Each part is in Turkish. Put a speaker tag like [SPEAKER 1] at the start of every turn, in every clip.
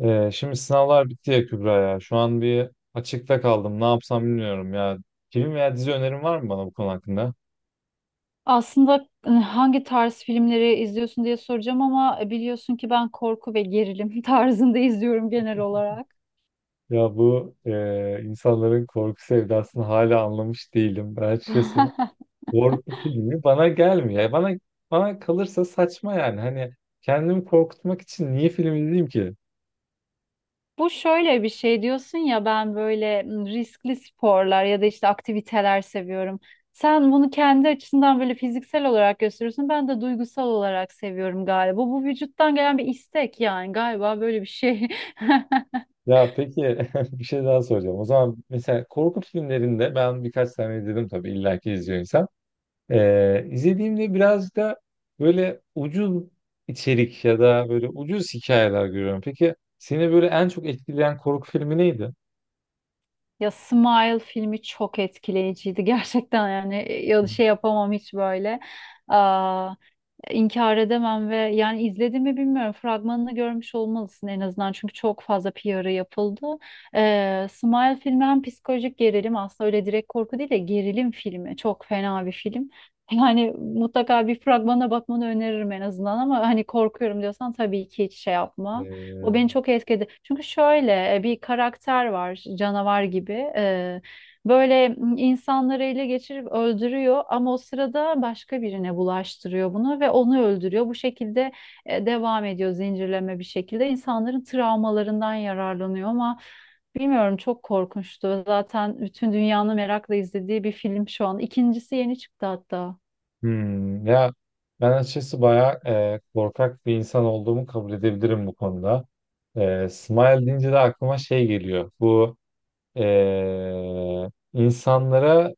[SPEAKER 1] Şimdi sınavlar bitti ya Kübra ya. Şu an bir açıkta kaldım. Ne yapsam bilmiyorum ya. Film veya dizi önerin var mı bana bu konu hakkında?
[SPEAKER 2] Aslında hangi tarz filmleri izliyorsun diye soracağım ama biliyorsun ki ben korku ve gerilim tarzında izliyorum genel olarak.
[SPEAKER 1] Ya bu insanların korku sevdasını hala anlamış değilim. Ben açıkçası korku filmi bana gelmiyor. Yani bana kalırsa saçma yani. Hani kendimi korkutmak için niye film izleyeyim ki?
[SPEAKER 2] Bu şöyle bir şey diyorsun ya ben böyle riskli sporlar ya da işte aktiviteler seviyorum. Sen bunu kendi açısından böyle fiziksel olarak gösteriyorsun. Ben de duygusal olarak seviyorum galiba. Bu vücuttan gelen bir istek yani galiba böyle bir şey.
[SPEAKER 1] Ya peki bir şey daha soracağım. O zaman mesela korku filmlerinde ben birkaç tane izledim, tabii illaki izliyor insan. İzlediğimde biraz da böyle ucuz içerik ya da böyle ucuz hikayeler görüyorum. Peki seni böyle en çok etkileyen korku filmi neydi?
[SPEAKER 2] Ya Smile filmi çok etkileyiciydi gerçekten yani ya şey yapamam hiç böyle inkar edemem ve yani izledim mi bilmiyorum. Fragmanını görmüş olmalısın en azından çünkü çok fazla PR'ı yapıldı. Smile filmi hem psikolojik gerilim aslında öyle direkt korku değil de gerilim filmi. Çok fena bir film. Yani mutlaka bir fragmana bakmanı öneririm en azından ama hani korkuyorum diyorsan tabii ki hiç şey yapma. O
[SPEAKER 1] Ee,
[SPEAKER 2] beni çok etkiledi. Çünkü şöyle bir karakter var canavar gibi. Böyle insanları ele geçirip öldürüyor ama o sırada başka birine bulaştırıyor bunu ve onu öldürüyor. Bu şekilde devam ediyor zincirleme bir şekilde. İnsanların travmalarından yararlanıyor ama bilmiyorum çok korkunçtu. Zaten bütün dünyanın merakla izlediği bir film şu an. İkincisi yeni çıktı hatta.
[SPEAKER 1] ya ben açıkçası bayağı korkak bir insan olduğumu kabul edebilirim bu konuda. Smile deyince de aklıma şey geliyor. Bu insanlara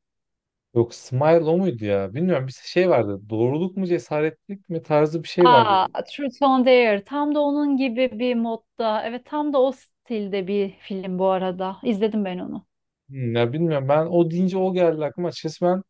[SPEAKER 1] yok, Smile o muydu ya? Bilmiyorum, bir şey vardı. Doğruluk mu cesaretlik mi tarzı bir şey vardı.
[SPEAKER 2] Aa, Truth or Dare. Tam da onun gibi bir modda. Evet, tam da o stilde bir film bu arada. İzledim ben onu.
[SPEAKER 1] Hmm, ya bilmiyorum ben o deyince o geldi aklıma. Açıkçası ben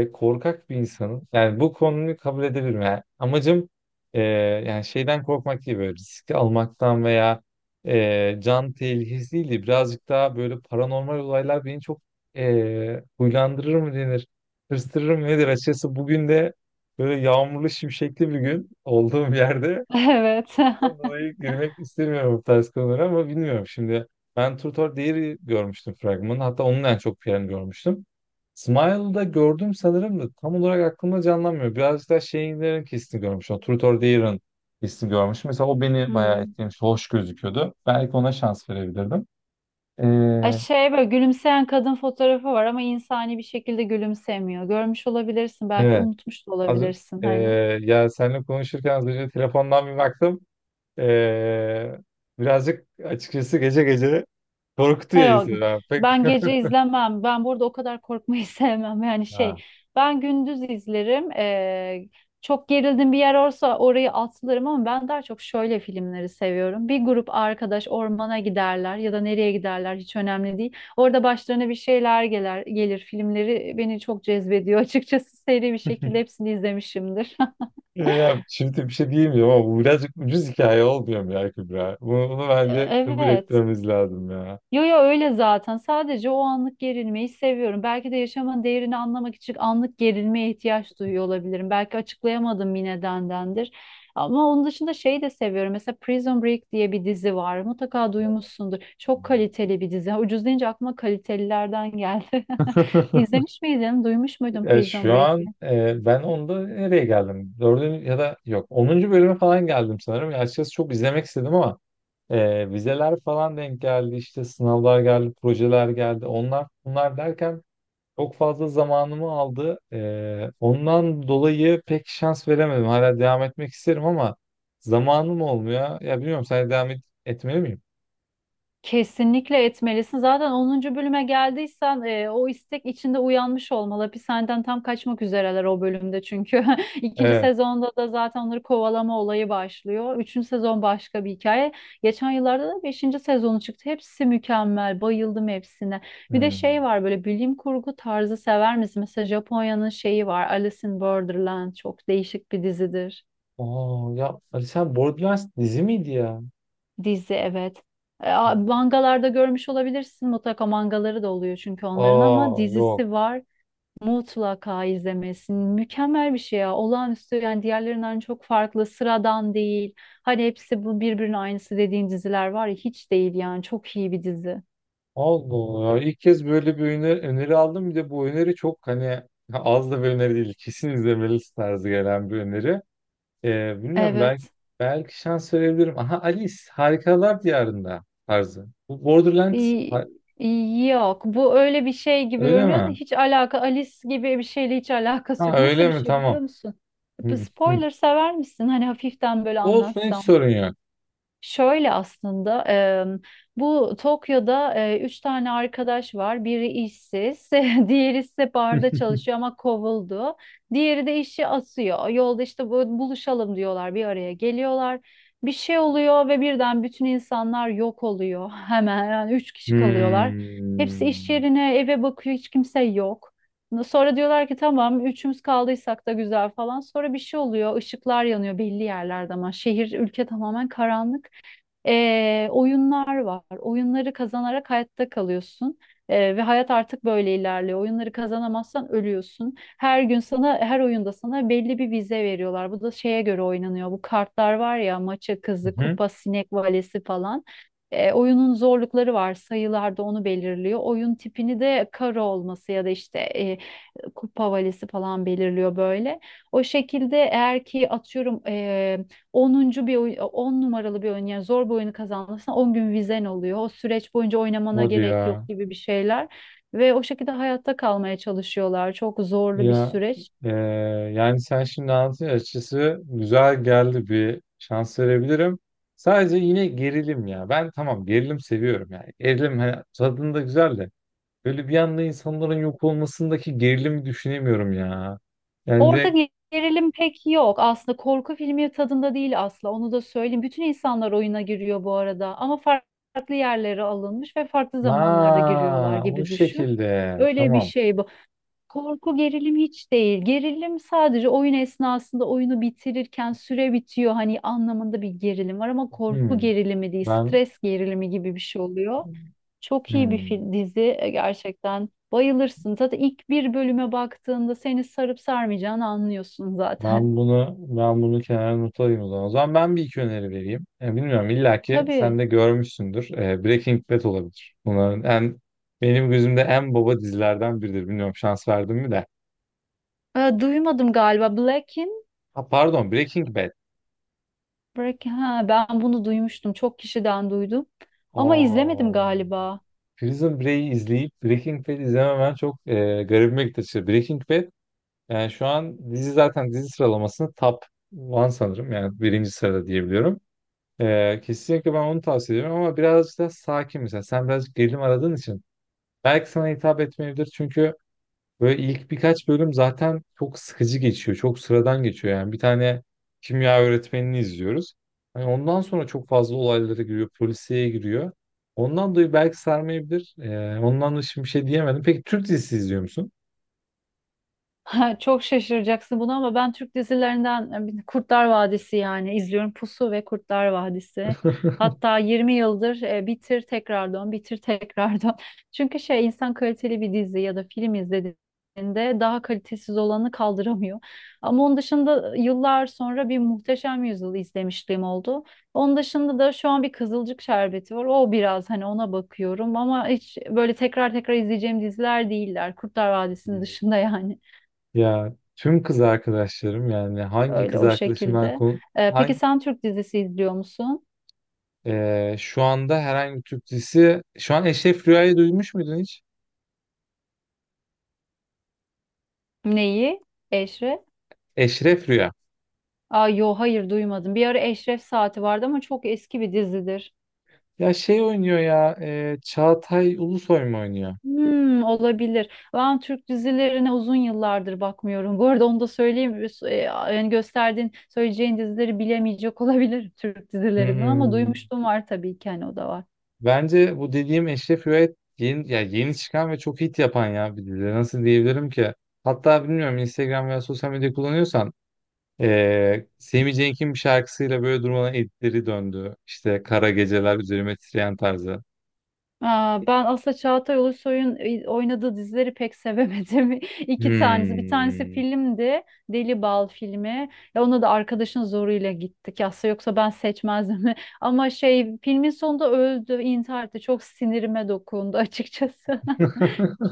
[SPEAKER 1] korkak bir insanım. Yani bu konuyu kabul edebilirim. Yani amacım e, yani şeyden korkmak değil, böyle riski almaktan veya can tehlikesi değil de birazcık daha böyle paranormal olaylar beni çok huylandırır mı denir, hırstırır mı nedir? Açıkçası bugün de böyle yağmurlu şimşekli bir gün olduğum yerde
[SPEAKER 2] Evet.
[SPEAKER 1] ondan dolayı girmek istemiyorum bu tarz konulara, ama bilmiyorum şimdi. Ben Turtor Diary görmüştüm fragmanı. Hatta onun en çok piyanı görmüştüm. Smile'da gördüm sanırım da tam olarak aklımda canlanmıyor. Birazcık daha şeylerin hissini görmüşüm. O Tutor Dear'ın hissini görmüşüm. Mesela o beni bayağı
[SPEAKER 2] Hmm.
[SPEAKER 1] etkilemiş. Hoş gözüküyordu. Belki ona şans verebilirdim.
[SPEAKER 2] Ay
[SPEAKER 1] Ee,
[SPEAKER 2] şey böyle gülümseyen kadın fotoğrafı var ama insani bir şekilde gülümsemiyor. Görmüş olabilirsin belki
[SPEAKER 1] evet.
[SPEAKER 2] unutmuş da
[SPEAKER 1] Az,
[SPEAKER 2] olabilirsin
[SPEAKER 1] ee,
[SPEAKER 2] hani.
[SPEAKER 1] Ya seninle konuşurken az önce telefondan bir baktım. Ee, Birazcık açıkçası gece gece korkutuyor
[SPEAKER 2] Hayır yok,
[SPEAKER 1] insanı. Ha, pek
[SPEAKER 2] ben gece izlemem. Ben burada o kadar korkmayı sevmem. Yani şey
[SPEAKER 1] ha.
[SPEAKER 2] ben gündüz izlerim. Çok gerildim bir yer olsa orayı atlarım ama ben daha çok şöyle filmleri seviyorum. Bir grup arkadaş ormana giderler ya da nereye giderler hiç önemli değil. Orada başlarına bir şeyler gelir, gelir. Filmleri beni çok cezbediyor açıkçası seri bir şekilde hepsini izlemişimdir.
[SPEAKER 1] Ya şimdi bir şey diyemiyorum ama bu birazcık ucuz hikaye olmuyor mu ya Kübra? Bunu bence kabul
[SPEAKER 2] Evet.
[SPEAKER 1] etmemiz lazım ya.
[SPEAKER 2] Yo yo öyle zaten. Sadece o anlık gerilmeyi seviyorum. Belki de yaşamın değerini anlamak için anlık gerilmeye ihtiyaç duyuyor olabilirim. Belki açıklayamadığım bir nedendendir. Ama onun dışında şeyi de seviyorum. Mesela Prison Break diye bir dizi var. Mutlaka duymuşsundur. Çok kaliteli bir dizi. Ucuz deyince aklıma kalitelilerden geldi. İzlemiş miydin? Duymuş muydun Prison
[SPEAKER 1] Şu
[SPEAKER 2] Break?
[SPEAKER 1] an ben onda nereye geldim? Dördüncü ya da yok, onuncu bölüme falan geldim sanırım. Ya açıkçası çok izlemek istedim ama vizeler falan denk geldi. İşte sınavlar geldi, projeler geldi. Onlar bunlar derken çok fazla zamanımı aldı. Ondan dolayı pek şans veremedim. Hala devam etmek isterim ama zamanım olmuyor. Ya bilmiyorum, sen devam etmeli miyim?
[SPEAKER 2] Kesinlikle etmelisin. Zaten onuncu bölüme geldiysen o istek içinde uyanmış olmalı. Hapishaneden tam kaçmak üzereler o bölümde çünkü. İkinci
[SPEAKER 1] Evet.
[SPEAKER 2] sezonda da zaten onları kovalama olayı başlıyor. Üçüncü sezon başka bir hikaye. Geçen yıllarda da beşinci sezonu çıktı. Hepsi mükemmel. Bayıldım hepsine. Bir de şey
[SPEAKER 1] Hmm.
[SPEAKER 2] var böyle bilim kurgu tarzı sever misin? Mesela Japonya'nın şeyi var. Alice in Borderland çok değişik bir dizidir.
[SPEAKER 1] Aa, ya Ali sen Borderlands dizi miydi ya?
[SPEAKER 2] Dizi evet. Mangalarda görmüş olabilirsin. Mutlaka mangaları da oluyor çünkü onların ama
[SPEAKER 1] Aa, yok.
[SPEAKER 2] dizisi var. Mutlaka izlemesin. Mükemmel bir şey ya. Olağanüstü yani diğerlerinden çok farklı. Sıradan değil. Hani hepsi bu birbirinin aynısı dediğin diziler var ya hiç değil yani. Çok iyi bir dizi.
[SPEAKER 1] Allah Allah. İlk kez böyle bir öneri aldım. Bir de bu öneri çok, hani az da bir öneri değil. Kesin izlemelisin tarzı gelen bir öneri. Bilmiyorum, belki
[SPEAKER 2] Evet.
[SPEAKER 1] belki şans verebilirim. Aha, Alice Harikalar Diyarında tarzı. Bu Borderland ha-
[SPEAKER 2] Yok bu öyle bir şey gibi
[SPEAKER 1] öyle
[SPEAKER 2] görünüyor da
[SPEAKER 1] mi?
[SPEAKER 2] hiç alaka Alice gibi bir şeyle hiç alakası
[SPEAKER 1] Ha,
[SPEAKER 2] yok. Nasıl
[SPEAKER 1] öyle
[SPEAKER 2] bir
[SPEAKER 1] mi?
[SPEAKER 2] şey
[SPEAKER 1] Tamam.
[SPEAKER 2] biliyor musun?
[SPEAKER 1] Hı, hı.
[SPEAKER 2] Spoiler sever misin? Hani hafiften böyle
[SPEAKER 1] Olsun, hiç
[SPEAKER 2] anlatsam.
[SPEAKER 1] sorun yok.
[SPEAKER 2] Şöyle aslında bu Tokyo'da üç tane arkadaş var. Biri işsiz, diğeri ise barda çalışıyor ama kovuldu. Diğeri de işi asıyor. Yolda işte buluşalım diyorlar, bir araya geliyorlar. Bir şey oluyor ve birden bütün insanlar yok oluyor. Hemen yani üç kişi kalıyorlar. Hepsi iş
[SPEAKER 1] Hmm.
[SPEAKER 2] yerine, eve bakıyor, hiç kimse yok. Sonra diyorlar ki tamam üçümüz kaldıysak da güzel falan. Sonra bir şey oluyor. Işıklar yanıyor belli yerlerde ama şehir ülke tamamen karanlık. Oyunlar var. Oyunları kazanarak hayatta kalıyorsun. Ve hayat artık böyle ilerliyor. Oyunları kazanamazsan ölüyorsun. Her gün sana, her oyunda sana belli bir vize veriyorlar. Bu da şeye göre oynanıyor. Bu kartlar var ya, maça kızı,
[SPEAKER 1] Hı.
[SPEAKER 2] kupa, sinek valesi falan. Oyunun zorlukları var. Sayılar da onu belirliyor. Oyun tipini de karo olması ya da işte kupa valesi falan belirliyor böyle. O şekilde eğer ki atıyorum onuncu bir oyun, 10 numaralı bir oyun yani zor bir oyunu kazanırsan 10 gün vizen oluyor. O süreç boyunca oynamana
[SPEAKER 1] Hadi
[SPEAKER 2] gerek yok
[SPEAKER 1] ya.
[SPEAKER 2] gibi bir şeyler ve o şekilde hayatta kalmaya çalışıyorlar. Çok zorlu bir
[SPEAKER 1] Ya
[SPEAKER 2] süreç.
[SPEAKER 1] e, yani sen şimdi anlatınca açıkçası güzel geldi, bir şans verebilirim. Sadece yine gerilim ya. Ben tamam, gerilim seviyorum yani. Gerilim hani, tadında güzel de. Böyle bir anda insanların yok olmasındaki gerilimi düşünemiyorum ya. Yani
[SPEAKER 2] Orada
[SPEAKER 1] direkt
[SPEAKER 2] gerilim pek yok. Aslında korku filmi tadında değil asla. Onu da söyleyeyim. Bütün insanlar oyuna giriyor bu arada ama farklı yerlere alınmış ve farklı zamanlarda giriyorlar
[SPEAKER 1] ha, o
[SPEAKER 2] gibi düşün.
[SPEAKER 1] şekilde
[SPEAKER 2] Öyle bir
[SPEAKER 1] tamam.
[SPEAKER 2] şey. Korku gerilim hiç değil. Gerilim sadece oyun esnasında oyunu bitirirken süre bitiyor hani anlamında bir gerilim var ama korku
[SPEAKER 1] Hmm,
[SPEAKER 2] gerilimi değil,
[SPEAKER 1] ben
[SPEAKER 2] stres gerilimi gibi bir şey oluyor. Çok iyi bir
[SPEAKER 1] hmm,
[SPEAKER 2] dizi gerçekten. Bayılırsın. Zaten ilk bir bölüme baktığında seni sarıp sarmayacağını anlıyorsun zaten.
[SPEAKER 1] ben bunu kenara not alayım o zaman. O zaman ben bir iki öneri vereyim. E, bilmiyorum, illaki sen
[SPEAKER 2] Tabii.
[SPEAKER 1] de görmüşsündür. E, Breaking Bad olabilir. Bunların en benim gözümde en baba dizilerden biridir. Bilmiyorum şans verdim mi de.
[SPEAKER 2] Duymadım galiba.
[SPEAKER 1] Ha, pardon, Breaking Bad.
[SPEAKER 2] Ben bunu duymuştum. Çok kişiden duydum. Ama izlemedim
[SPEAKER 1] Aa.
[SPEAKER 2] galiba.
[SPEAKER 1] Prison Break'i izleyip Breaking Bad izlememen çok garibime gitti açıkçası. Breaking Bad yani şu an dizi sıralamasını top one sanırım. Yani birinci sırada diyebiliyorum. E, kesinlikle ben onu tavsiye ediyorum ama birazcık da sakin mesela. Sen birazcık gerilim aradığın için belki sana hitap etmeyebilir, çünkü böyle ilk birkaç bölüm zaten çok sıkıcı geçiyor. Çok sıradan geçiyor yani. Bir tane kimya öğretmenini izliyoruz. Hani ondan sonra çok fazla olaylara giriyor. Polisiye giriyor. Ondan dolayı belki sarmayabilir. Ondan da şimdi bir şey diyemedim. Peki Türk dizisi izliyor musun?
[SPEAKER 2] Ha, çok şaşıracaksın buna ama ben Türk dizilerinden bir Kurtlar Vadisi yani izliyorum Pusu ve Kurtlar Vadisi. Hatta 20 yıldır bitir tekrar dön, bitir tekrar dön. Çünkü şey insan kaliteli bir dizi ya da film izlediğinde daha kalitesiz olanı kaldıramıyor. Ama onun dışında yıllar sonra bir Muhteşem Yüzyıl izlemişliğim oldu. Onun dışında da şu an bir Kızılcık Şerbeti var. O biraz hani ona bakıyorum ama hiç böyle tekrar tekrar izleyeceğim diziler değiller. Kurtlar Vadisi'nin dışında yani.
[SPEAKER 1] Ya tüm kız arkadaşlarım yani hangi
[SPEAKER 2] Öyle
[SPEAKER 1] kız
[SPEAKER 2] o
[SPEAKER 1] arkadaşımdan
[SPEAKER 2] şekilde.
[SPEAKER 1] konu
[SPEAKER 2] Peki
[SPEAKER 1] hangi
[SPEAKER 2] sen Türk dizisi izliyor musun?
[SPEAKER 1] Şu anda herhangi bir Türk dizisi şu an Eşref Rüya'yı duymuş muydun hiç?
[SPEAKER 2] Neyi? Eşref?
[SPEAKER 1] Eşref Rüya.
[SPEAKER 2] Aa, yo hayır duymadım. Bir ara Eşref Saati vardı ama çok eski bir dizidir.
[SPEAKER 1] Ya şey oynuyor ya, Çağatay Ulusoy mu oynuyor?
[SPEAKER 2] Hmm, olabilir. Ben Türk dizilerine uzun yıllardır bakmıyorum. Bu arada onu da söyleyeyim. Yani gösterdiğin, söyleyeceğin dizileri bilemeyecek olabilir Türk dizilerinden ama
[SPEAKER 1] Hmm.
[SPEAKER 2] duymuşluğum var tabii ki hani o da var.
[SPEAKER 1] Bence bu dediğim Eşref Rüet yeni, ya yeni çıkan ve çok hit yapan ya bir dizi. Nasıl diyebilirim ki? Hatta bilmiyorum Instagram veya sosyal medya kullanıyorsan Sami Cenk'in bir şarkısıyla böyle durmadan editleri döndü. İşte Kara Geceler Üzerime Titreyen tarzı.
[SPEAKER 2] Aa, ben aslında Çağatay Ulusoy'un oynadığı dizileri pek sevemedim. İki tanesi. Bir tanesi
[SPEAKER 1] Hmm.
[SPEAKER 2] filmdi. Deli Bal filmi. Ya ona da arkadaşın zoruyla gittik. Aslında yoksa ben seçmezdim. Ama şey filmin sonunda öldü, intihar etti. Çok sinirime dokundu açıkçası.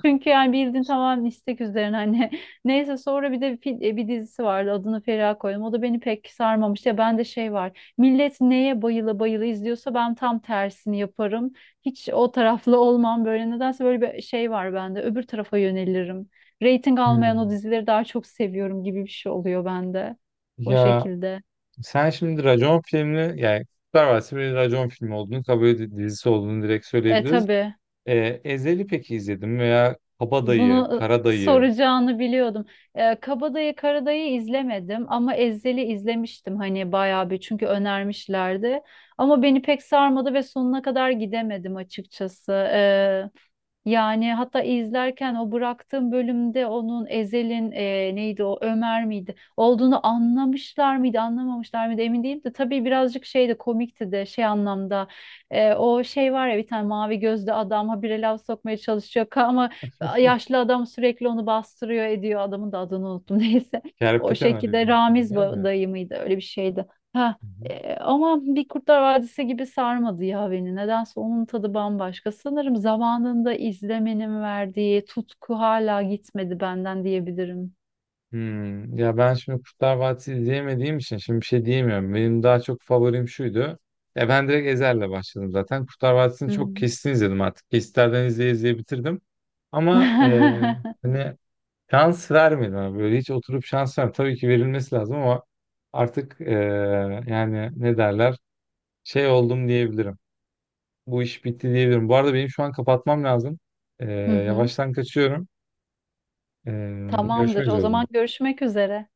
[SPEAKER 2] Çünkü yani bildiğin tamamen istek üzerine hani. Neyse sonra bir de bir dizisi vardı. Adını Feriha koydum. O da beni pek sarmamıştı. Ya bende şey var. Millet neye bayıla bayıla izliyorsa ben tam tersini yaparım. Hiç o taraflı olmam böyle. Nedense böyle bir şey var bende. Öbür tarafa yönelirim. Rating almayan o
[SPEAKER 1] Hmm.
[SPEAKER 2] dizileri daha çok seviyorum gibi bir şey oluyor bende. O
[SPEAKER 1] Ya
[SPEAKER 2] şekilde.
[SPEAKER 1] sen şimdi racon filmini yani Kurtlar Vadisi bir racon filmi olduğunu kabul dizisi olduğunu direkt
[SPEAKER 2] E
[SPEAKER 1] söyleyebiliriz.
[SPEAKER 2] tabii.
[SPEAKER 1] Ezel'i peki izledim veya Kabadayı,
[SPEAKER 2] Bunu
[SPEAKER 1] Karadayı,
[SPEAKER 2] soracağını biliyordum. Kabadayı Karadayı izlemedim ama Ezhel'i izlemiştim hani bayağı bir çünkü önermişlerdi. Ama beni pek sarmadı ve sonuna kadar gidemedim açıkçası. Yani hatta izlerken o bıraktığım bölümde onun Ezel'in neydi o Ömer miydi olduğunu anlamışlar mıydı anlamamışlar mıydı emin değilim de tabii birazcık şey de komikti de şey anlamda o şey var ya bir tane mavi gözlü adam habire laf sokmaya çalışıyor ama yaşlı adam sürekli onu bastırıyor ediyor adamın da adını unuttum neyse o
[SPEAKER 1] Kerpeten Ali
[SPEAKER 2] şekilde
[SPEAKER 1] ben de.
[SPEAKER 2] dayı mıydı öyle bir şeydi. Ha,
[SPEAKER 1] Hı hı.
[SPEAKER 2] ama bir Kurtlar Vadisi gibi sarmadı ya beni. Nedense onun tadı bambaşka. Sanırım zamanında izlemenin verdiği tutku hala gitmedi benden diyebilirim.
[SPEAKER 1] Hmm, ya ben şimdi Kurtlar Vadisi izleyemediğim için şimdi bir şey diyemiyorum. Benim daha çok favorim şuydu. Ya ben direkt Ezhel'le başladım zaten. Kurtlar Vadisi'ni
[SPEAKER 2] Hı
[SPEAKER 1] çok
[SPEAKER 2] hı.
[SPEAKER 1] kesitini izledim artık. Kesitlerden izleye izleye bitirdim. Ama hani şans vermedim abi. Böyle hiç oturup şans vermedim. Tabii ki verilmesi lazım ama artık yani ne derler şey oldum diyebilirim. Bu iş bitti diyebilirim. Bu arada benim şu an kapatmam lazım. Eee,
[SPEAKER 2] Hı hı.
[SPEAKER 1] Yavaştan kaçıyorum. Görüşmek
[SPEAKER 2] Tamamdır. O
[SPEAKER 1] üzere o zaman.
[SPEAKER 2] zaman görüşmek üzere.